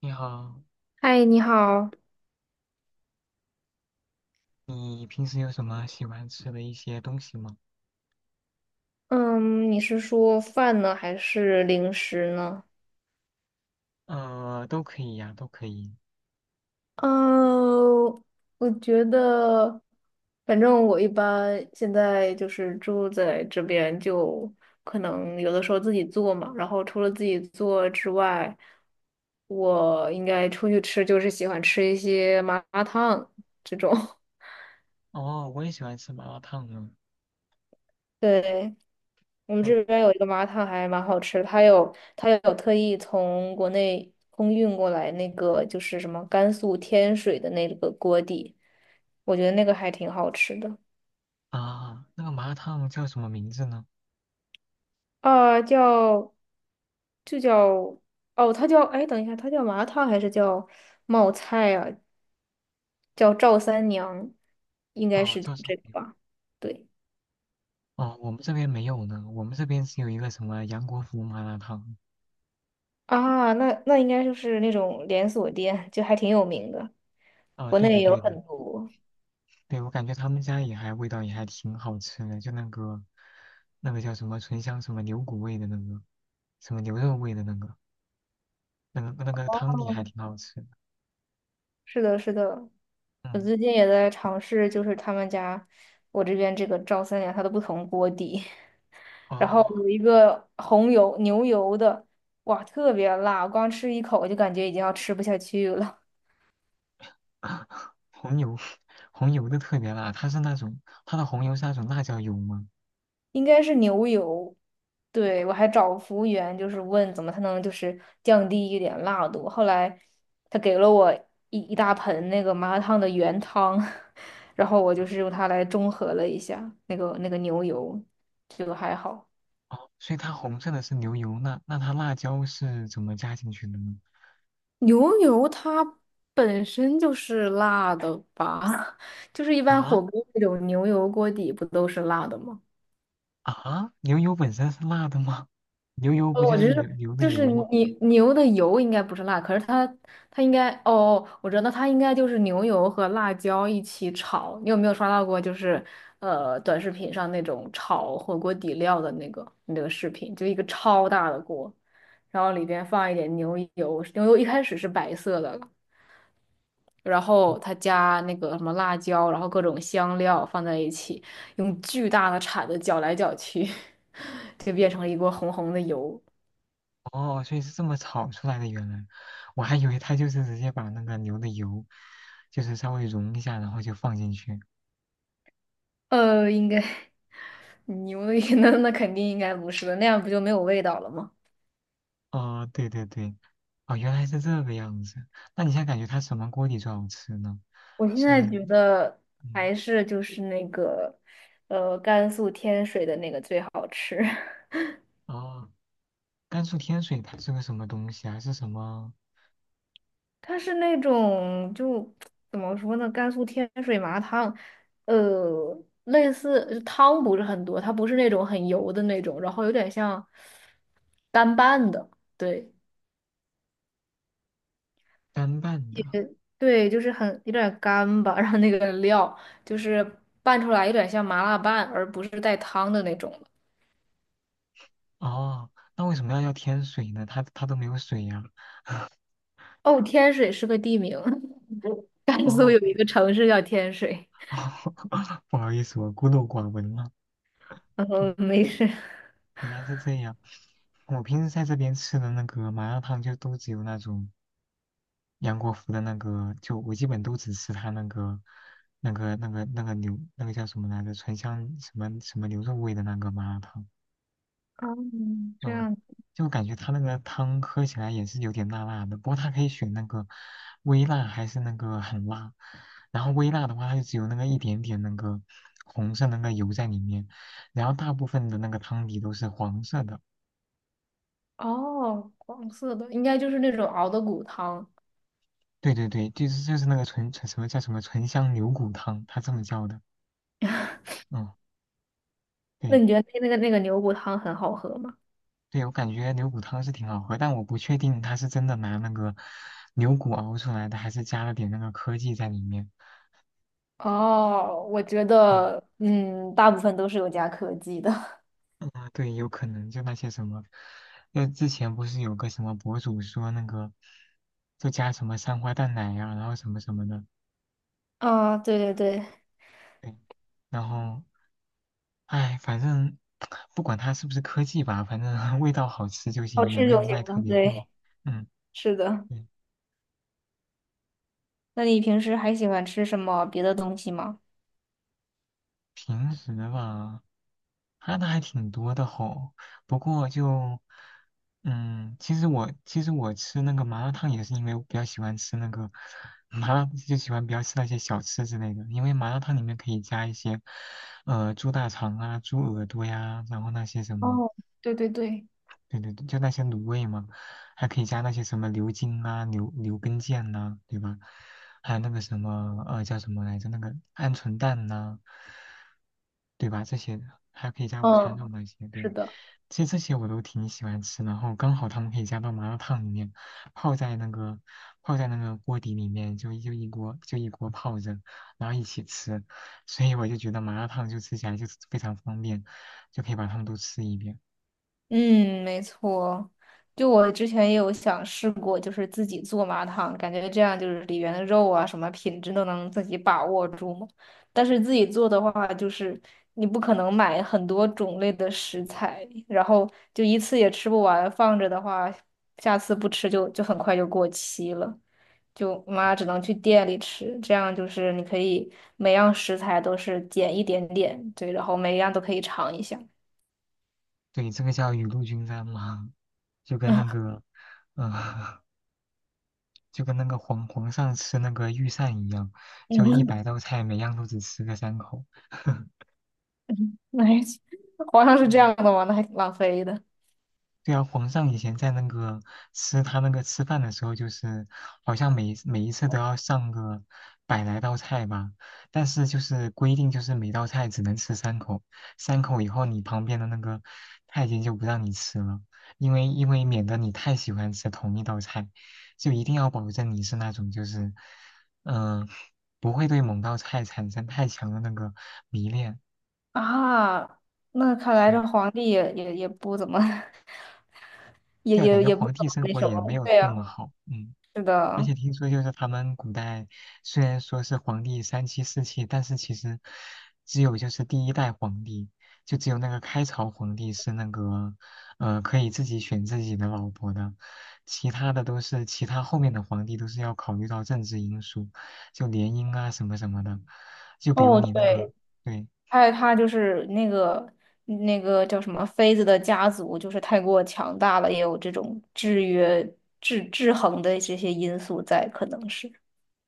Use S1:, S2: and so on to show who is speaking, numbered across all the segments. S1: 你好，
S2: 嗨，你好。
S1: 你平时有什么喜欢吃的一些东西吗？
S2: 嗯，你是说饭呢，还是零食呢？
S1: 都可以呀，都可以。
S2: 嗯，我觉得，反正我一般现在就是住在这边，就可能有的时候自己做嘛。然后除了自己做之外，我应该出去吃，就是喜欢吃一些麻辣烫这种。
S1: 哦，我也喜欢吃麻辣烫呢。
S2: 对，我们
S1: 嗯。
S2: 这边有一个麻辣烫还蛮好吃的，它有特意从国内空运过来那个就是什么甘肃天水的那个锅底，我觉得那个还挺好吃的。
S1: 啊，那个麻辣烫叫什么名字呢？
S2: 啊、叫就叫哦，它叫哎，等一下，它叫麻辣烫还是叫冒菜啊？叫赵三娘，应该
S1: 哦，
S2: 是叫
S1: 叫什么
S2: 这个
S1: 名？
S2: 吧？对。
S1: 哦，我们这边没有呢，我们这边只有一个什么杨国福麻辣烫。
S2: 啊，那那应该就是那种连锁店，就还挺有名的，
S1: 啊，
S2: 国
S1: 对的
S2: 内有
S1: 对的。
S2: 很多。
S1: 对，我感觉他们家也还味道也还挺好吃的，就那个叫什么醇香什么牛骨味的那个，什么牛肉味的那个，那个汤底还挺好吃的。
S2: 是的，是的，我
S1: 嗯。
S2: 最近也在尝试，就是他们家我这边这个赵三娘它的不同锅底，然后
S1: 哦，
S2: 有一个红油牛油的，哇，特别辣，光吃一口我就感觉已经要吃不下去了，
S1: 红油，红油的特别辣，它是那种它的红油是那种辣椒油吗？
S2: 应该是牛油。对，我还找服务员，就是问怎么才能就是降低一点辣度。后来他给了我一大盆那个麻辣烫的原汤，然后我就是用它来中和了一下那个牛油，就还好。
S1: 哦，所以它红色的是牛油，那它辣椒是怎么加进去的呢？
S2: 牛油它本身就是辣的吧？就是一般火
S1: 啊。
S2: 锅那种牛油锅底不都是辣的吗？
S1: 啊，牛油本身是辣的吗？牛油不
S2: 哦，
S1: 就
S2: 我
S1: 是
S2: 只
S1: 牛
S2: 是
S1: 牛的
S2: 就是
S1: 油吗？
S2: 你牛的油应该不是辣，可是它应该，哦，我觉得它应该就是牛油和辣椒一起炒。你有没有刷到过就是短视频上那种炒火锅底料的那个视频？就一个超大的锅，然后里边放一点牛油，牛油一开始是白色的，然后他加那个什么辣椒，然后各种香料放在一起，用巨大的铲子搅来搅去，就变成了一锅红红的油。
S1: 哦，所以是这么炒出来的，原来我还以为它就是直接把那个牛的油，就是稍微融一下，然后就放进去。
S2: 应该牛的 那肯定应该不是的，那样不就没有味道了吗？
S1: 哦，对对对。哦，原来是这个样子。那你现在感觉它什么锅底最好吃呢？
S2: 我现
S1: 是，
S2: 在觉得
S1: 嗯。
S2: 还是就是那个，甘肃天水的那个最好吃。
S1: 哦，甘肃天水它是个什么东西啊？是什么
S2: 它是那种就怎么说呢，甘肃天水麻辣烫，类似汤不是很多，它不是那种很油的那种，然后有点像干拌的，对。
S1: 干拌的？
S2: 对，就是很有点干吧，然后那个料就是拌出来有点像麻辣拌，而不是带汤的那种了。
S1: 哦，那为什么要叫天水呢？它都没有水呀、
S2: 哦，天水是个地名，甘
S1: 哦，
S2: 肃有一个城市叫天水。
S1: 不好意思，我孤陋寡闻了。嗯，
S2: 嗯，没事。
S1: 原来是这样。我平时在这边吃的那个麻辣烫，就都只有那种杨国福的那个，就我基本都只吃他那个、那个、那个、那个牛，那个叫什么来着？醇香什么什么牛肉味的那个麻辣烫。
S2: 哦，这
S1: 嗯，
S2: 样。
S1: 就感觉它那个汤喝起来也是有点辣辣的，不过它可以选那个微辣还是那个很辣。然后微辣的话，它就只有那个一点点那个红色那个油在里面，然后大部分的那个汤底都是黄色的。
S2: 哦，黄色的应该就是那种熬的骨汤。
S1: 对对对，就是那个纯纯什么叫什么醇香牛骨汤，它这么叫的。嗯，
S2: 那
S1: 对
S2: 你觉得那个牛骨汤很好喝吗？
S1: 对。我感觉牛骨汤是挺好喝，但我不确定它是真的拿那个牛骨熬出来的，还是加了点那个科技在里面。
S2: 哦，我觉
S1: 对
S2: 得，嗯，大部分都是有加科技的。
S1: 啊，对，有可能就那些什么，那之前不是有个什么博主说那个，就加什么三花淡奶呀、然后什么什么的，
S2: 啊，对对对，
S1: 对，然后，哎，反正 不管它是不是科技吧，反正 味道好吃就
S2: 好
S1: 行，也
S2: 吃
S1: 没
S2: 就
S1: 有
S2: 行
S1: 卖特
S2: 了。
S1: 别贵。
S2: 对，
S1: 嗯，
S2: 是的。
S1: 对。
S2: 那你平时还喜欢吃什么别的东西吗？
S1: 平时吧，看的还挺多的吼。不过就，嗯，其实我吃那个麻辣烫也是因为我比较喜欢吃那个麻辣，就喜欢比较吃那些小吃之类的。因为麻辣烫里面可以加一些，猪大肠啊、猪耳朵呀，然后那些什么
S2: 哦，对对对，
S1: 对对对，就那些卤味嘛，还可以加那些什么牛筋啊、牛根腱呐、对吧？还有那个什么叫什么来着？那个鹌鹑蛋呐、对吧？这些的还可以加午餐肉
S2: 嗯，
S1: 那些，
S2: 是
S1: 对。
S2: 的。
S1: 其实这些我都挺喜欢吃。然后刚好他们可以加到麻辣烫里面，泡在那个泡在那个锅底里面，就一锅泡着，然后一起吃。所以我就觉得麻辣烫就吃起来就是非常方便，就可以把它们都吃一遍。
S2: 嗯，没错。就我之前也有想试过，就是自己做麻汤，感觉这样就是里面的肉啊，什么品质都能自己把握住嘛。但是自己做的话，就是你不可能买很多种类的食材，然后就一次也吃不完，放着的话，下次不吃就很快就过期了。就妈只能去店里吃，这样就是你可以每样食材都是减一点点，对，然后每一样都可以尝一下。
S1: 对，这个叫雨露均沾嘛，就跟那个，呃，就跟那个皇上吃那个御膳一样，就一 百道菜，每样都只吃个三口。
S2: 那皇上是这
S1: 嗯。
S2: 样的吗？那还挺浪费的
S1: 对啊，皇上以前在那个吃他那个吃饭的时候，就是好像每一次都要上个100来道菜吧，但是就是规定就是每道菜只能吃三口，三口以后你旁边的那个太监就不让你吃了，因为免得你太喜欢吃同一道菜，就一定要保证你是那种就是嗯、呃不会对某道菜产生太强的那个迷恋。
S2: 啊。那看来这
S1: 嗯，
S2: 皇帝也不怎么，也
S1: 对啊，感
S2: 也
S1: 觉
S2: 也不
S1: 皇
S2: 怎
S1: 帝
S2: 么
S1: 生
S2: 那
S1: 活
S2: 什
S1: 也没
S2: 么。
S1: 有
S2: 对
S1: 那
S2: 呀，
S1: 么好，嗯。
S2: 是
S1: 而
S2: 的。
S1: 且听说就是他们古代虽然说是皇帝三妻四妾，但是其实只有就是第1代皇帝，就只有那个开朝皇帝是那个可以自己选自己的老婆的，其他的都是其他后面的皇帝都是要考虑到政治因素，就联姻啊什么什么的，就比如
S2: 哦，
S1: 你那个
S2: 对，
S1: 对
S2: 还有他就是那个那个叫什么妃子的家族，就是太过强大了，也有这种制约、制衡的这些因素在，可能是。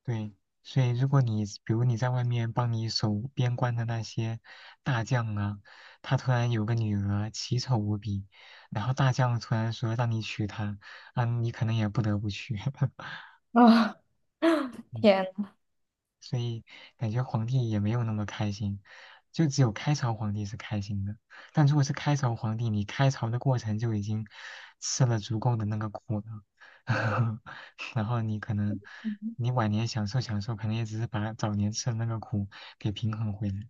S1: 对，所以如果你比如你在外面帮你守边关的那些大将啊，他突然有个女儿奇丑无比，然后大将突然说让你娶她，啊，你可能也不得不娶。
S2: 啊，
S1: 嗯。
S2: 天。
S1: 所以感觉皇帝也没有那么开心，就只有开朝皇帝是开心的。但如果是开朝皇帝，你开朝的过程就已经吃了足够的那个苦了，然后你可能你晚年享受享受，可能也只是把早年吃的那个苦给平衡回来。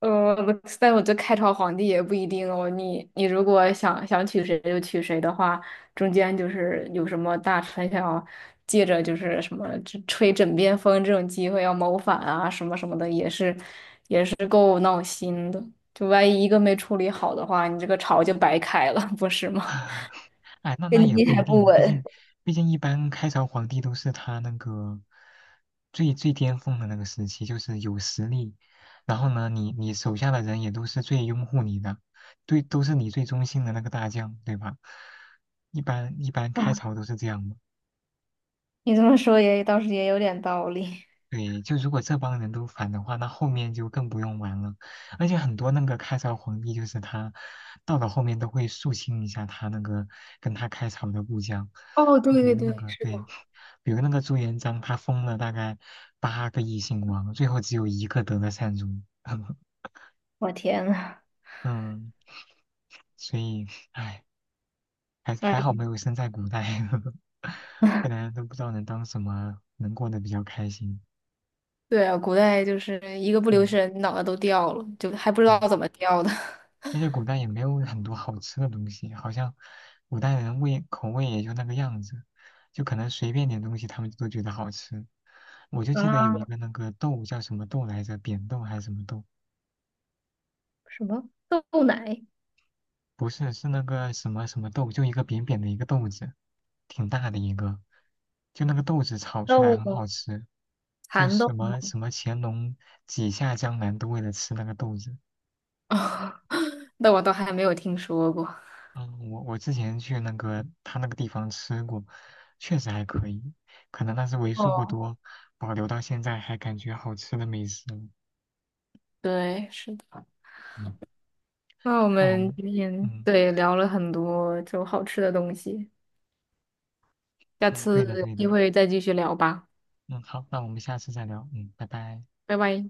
S2: 呃，但我觉得开朝皇帝也不一定哦。你如果想娶谁就娶谁的话，中间就是有什么大臣想要借着就是什么这吹枕边风这种机会要谋反啊什么什么的，也是够闹心的。就万一一个没处理好的话，你这个朝就白开了，不是吗？
S1: 哎，那那
S2: 根
S1: 也
S2: 基
S1: 不
S2: 还
S1: 一
S2: 不
S1: 定，毕
S2: 稳。
S1: 竟毕竟一般开朝皇帝都是他那个最巅峰的那个时期，就是有实力，然后呢，你手下的人也都是最拥护你的，对，都是你最忠心的那个大将，对吧？一般开
S2: 啊，
S1: 朝都是这样的。
S2: 你这么说也倒是也有点道理。
S1: 对，就如果这帮人都反的话，那后面就更不用玩了。而且很多那个开朝皇帝，就是他到了后面都会肃清一下他那个跟他开朝的部将，
S2: 哦，对
S1: 就比
S2: 对
S1: 如
S2: 对，
S1: 那个
S2: 是
S1: 对，
S2: 的。
S1: 比如那个朱元璋，他封了大概8个异姓王，最后只有一个得了善终。
S2: 我天呐，
S1: 嗯。所以唉，还好
S2: 哎。
S1: 没有生在古代，不然都不知道能当什么，能过得比较开心。
S2: 对啊，古代就是一个不留
S1: 嗯，
S2: 神，脑袋都掉了，就还不知道
S1: 对。
S2: 怎么掉的。
S1: 而且古代也没有很多好吃的东西，好像古代人味口味也就那个样子，就可能随便点东西他们都觉得好吃。我就记得有一
S2: 啊，
S1: 个那个豆叫什么豆来着，扁豆还是什么豆？
S2: 什么豆奶、
S1: 不是，是那个什么什么豆，就一个扁扁的一个豆子，挺大的一个，就那个豆子炒出来
S2: 豆
S1: 很
S2: 吗，
S1: 好吃，就
S2: 蚕豆
S1: 什
S2: 吗？
S1: 么什么乾隆几下江南都为了吃那个豆子。
S2: 那我倒还没有听说过。
S1: 嗯，我之前去那个他那个地方吃过，确实还可以，可能那是为数不
S2: 哦，
S1: 多保留到现在还感觉好吃的美食了。
S2: 对，是的。
S1: 嗯，
S2: 那我
S1: 那我
S2: 们
S1: 们，
S2: 今天
S1: 嗯。
S2: 对聊了很多就好吃的东西，下
S1: 嗯，对的
S2: 次有
S1: 对
S2: 机
S1: 的。
S2: 会再继续聊吧，
S1: 嗯，好，那我们下次再聊，嗯，拜拜。
S2: 拜拜。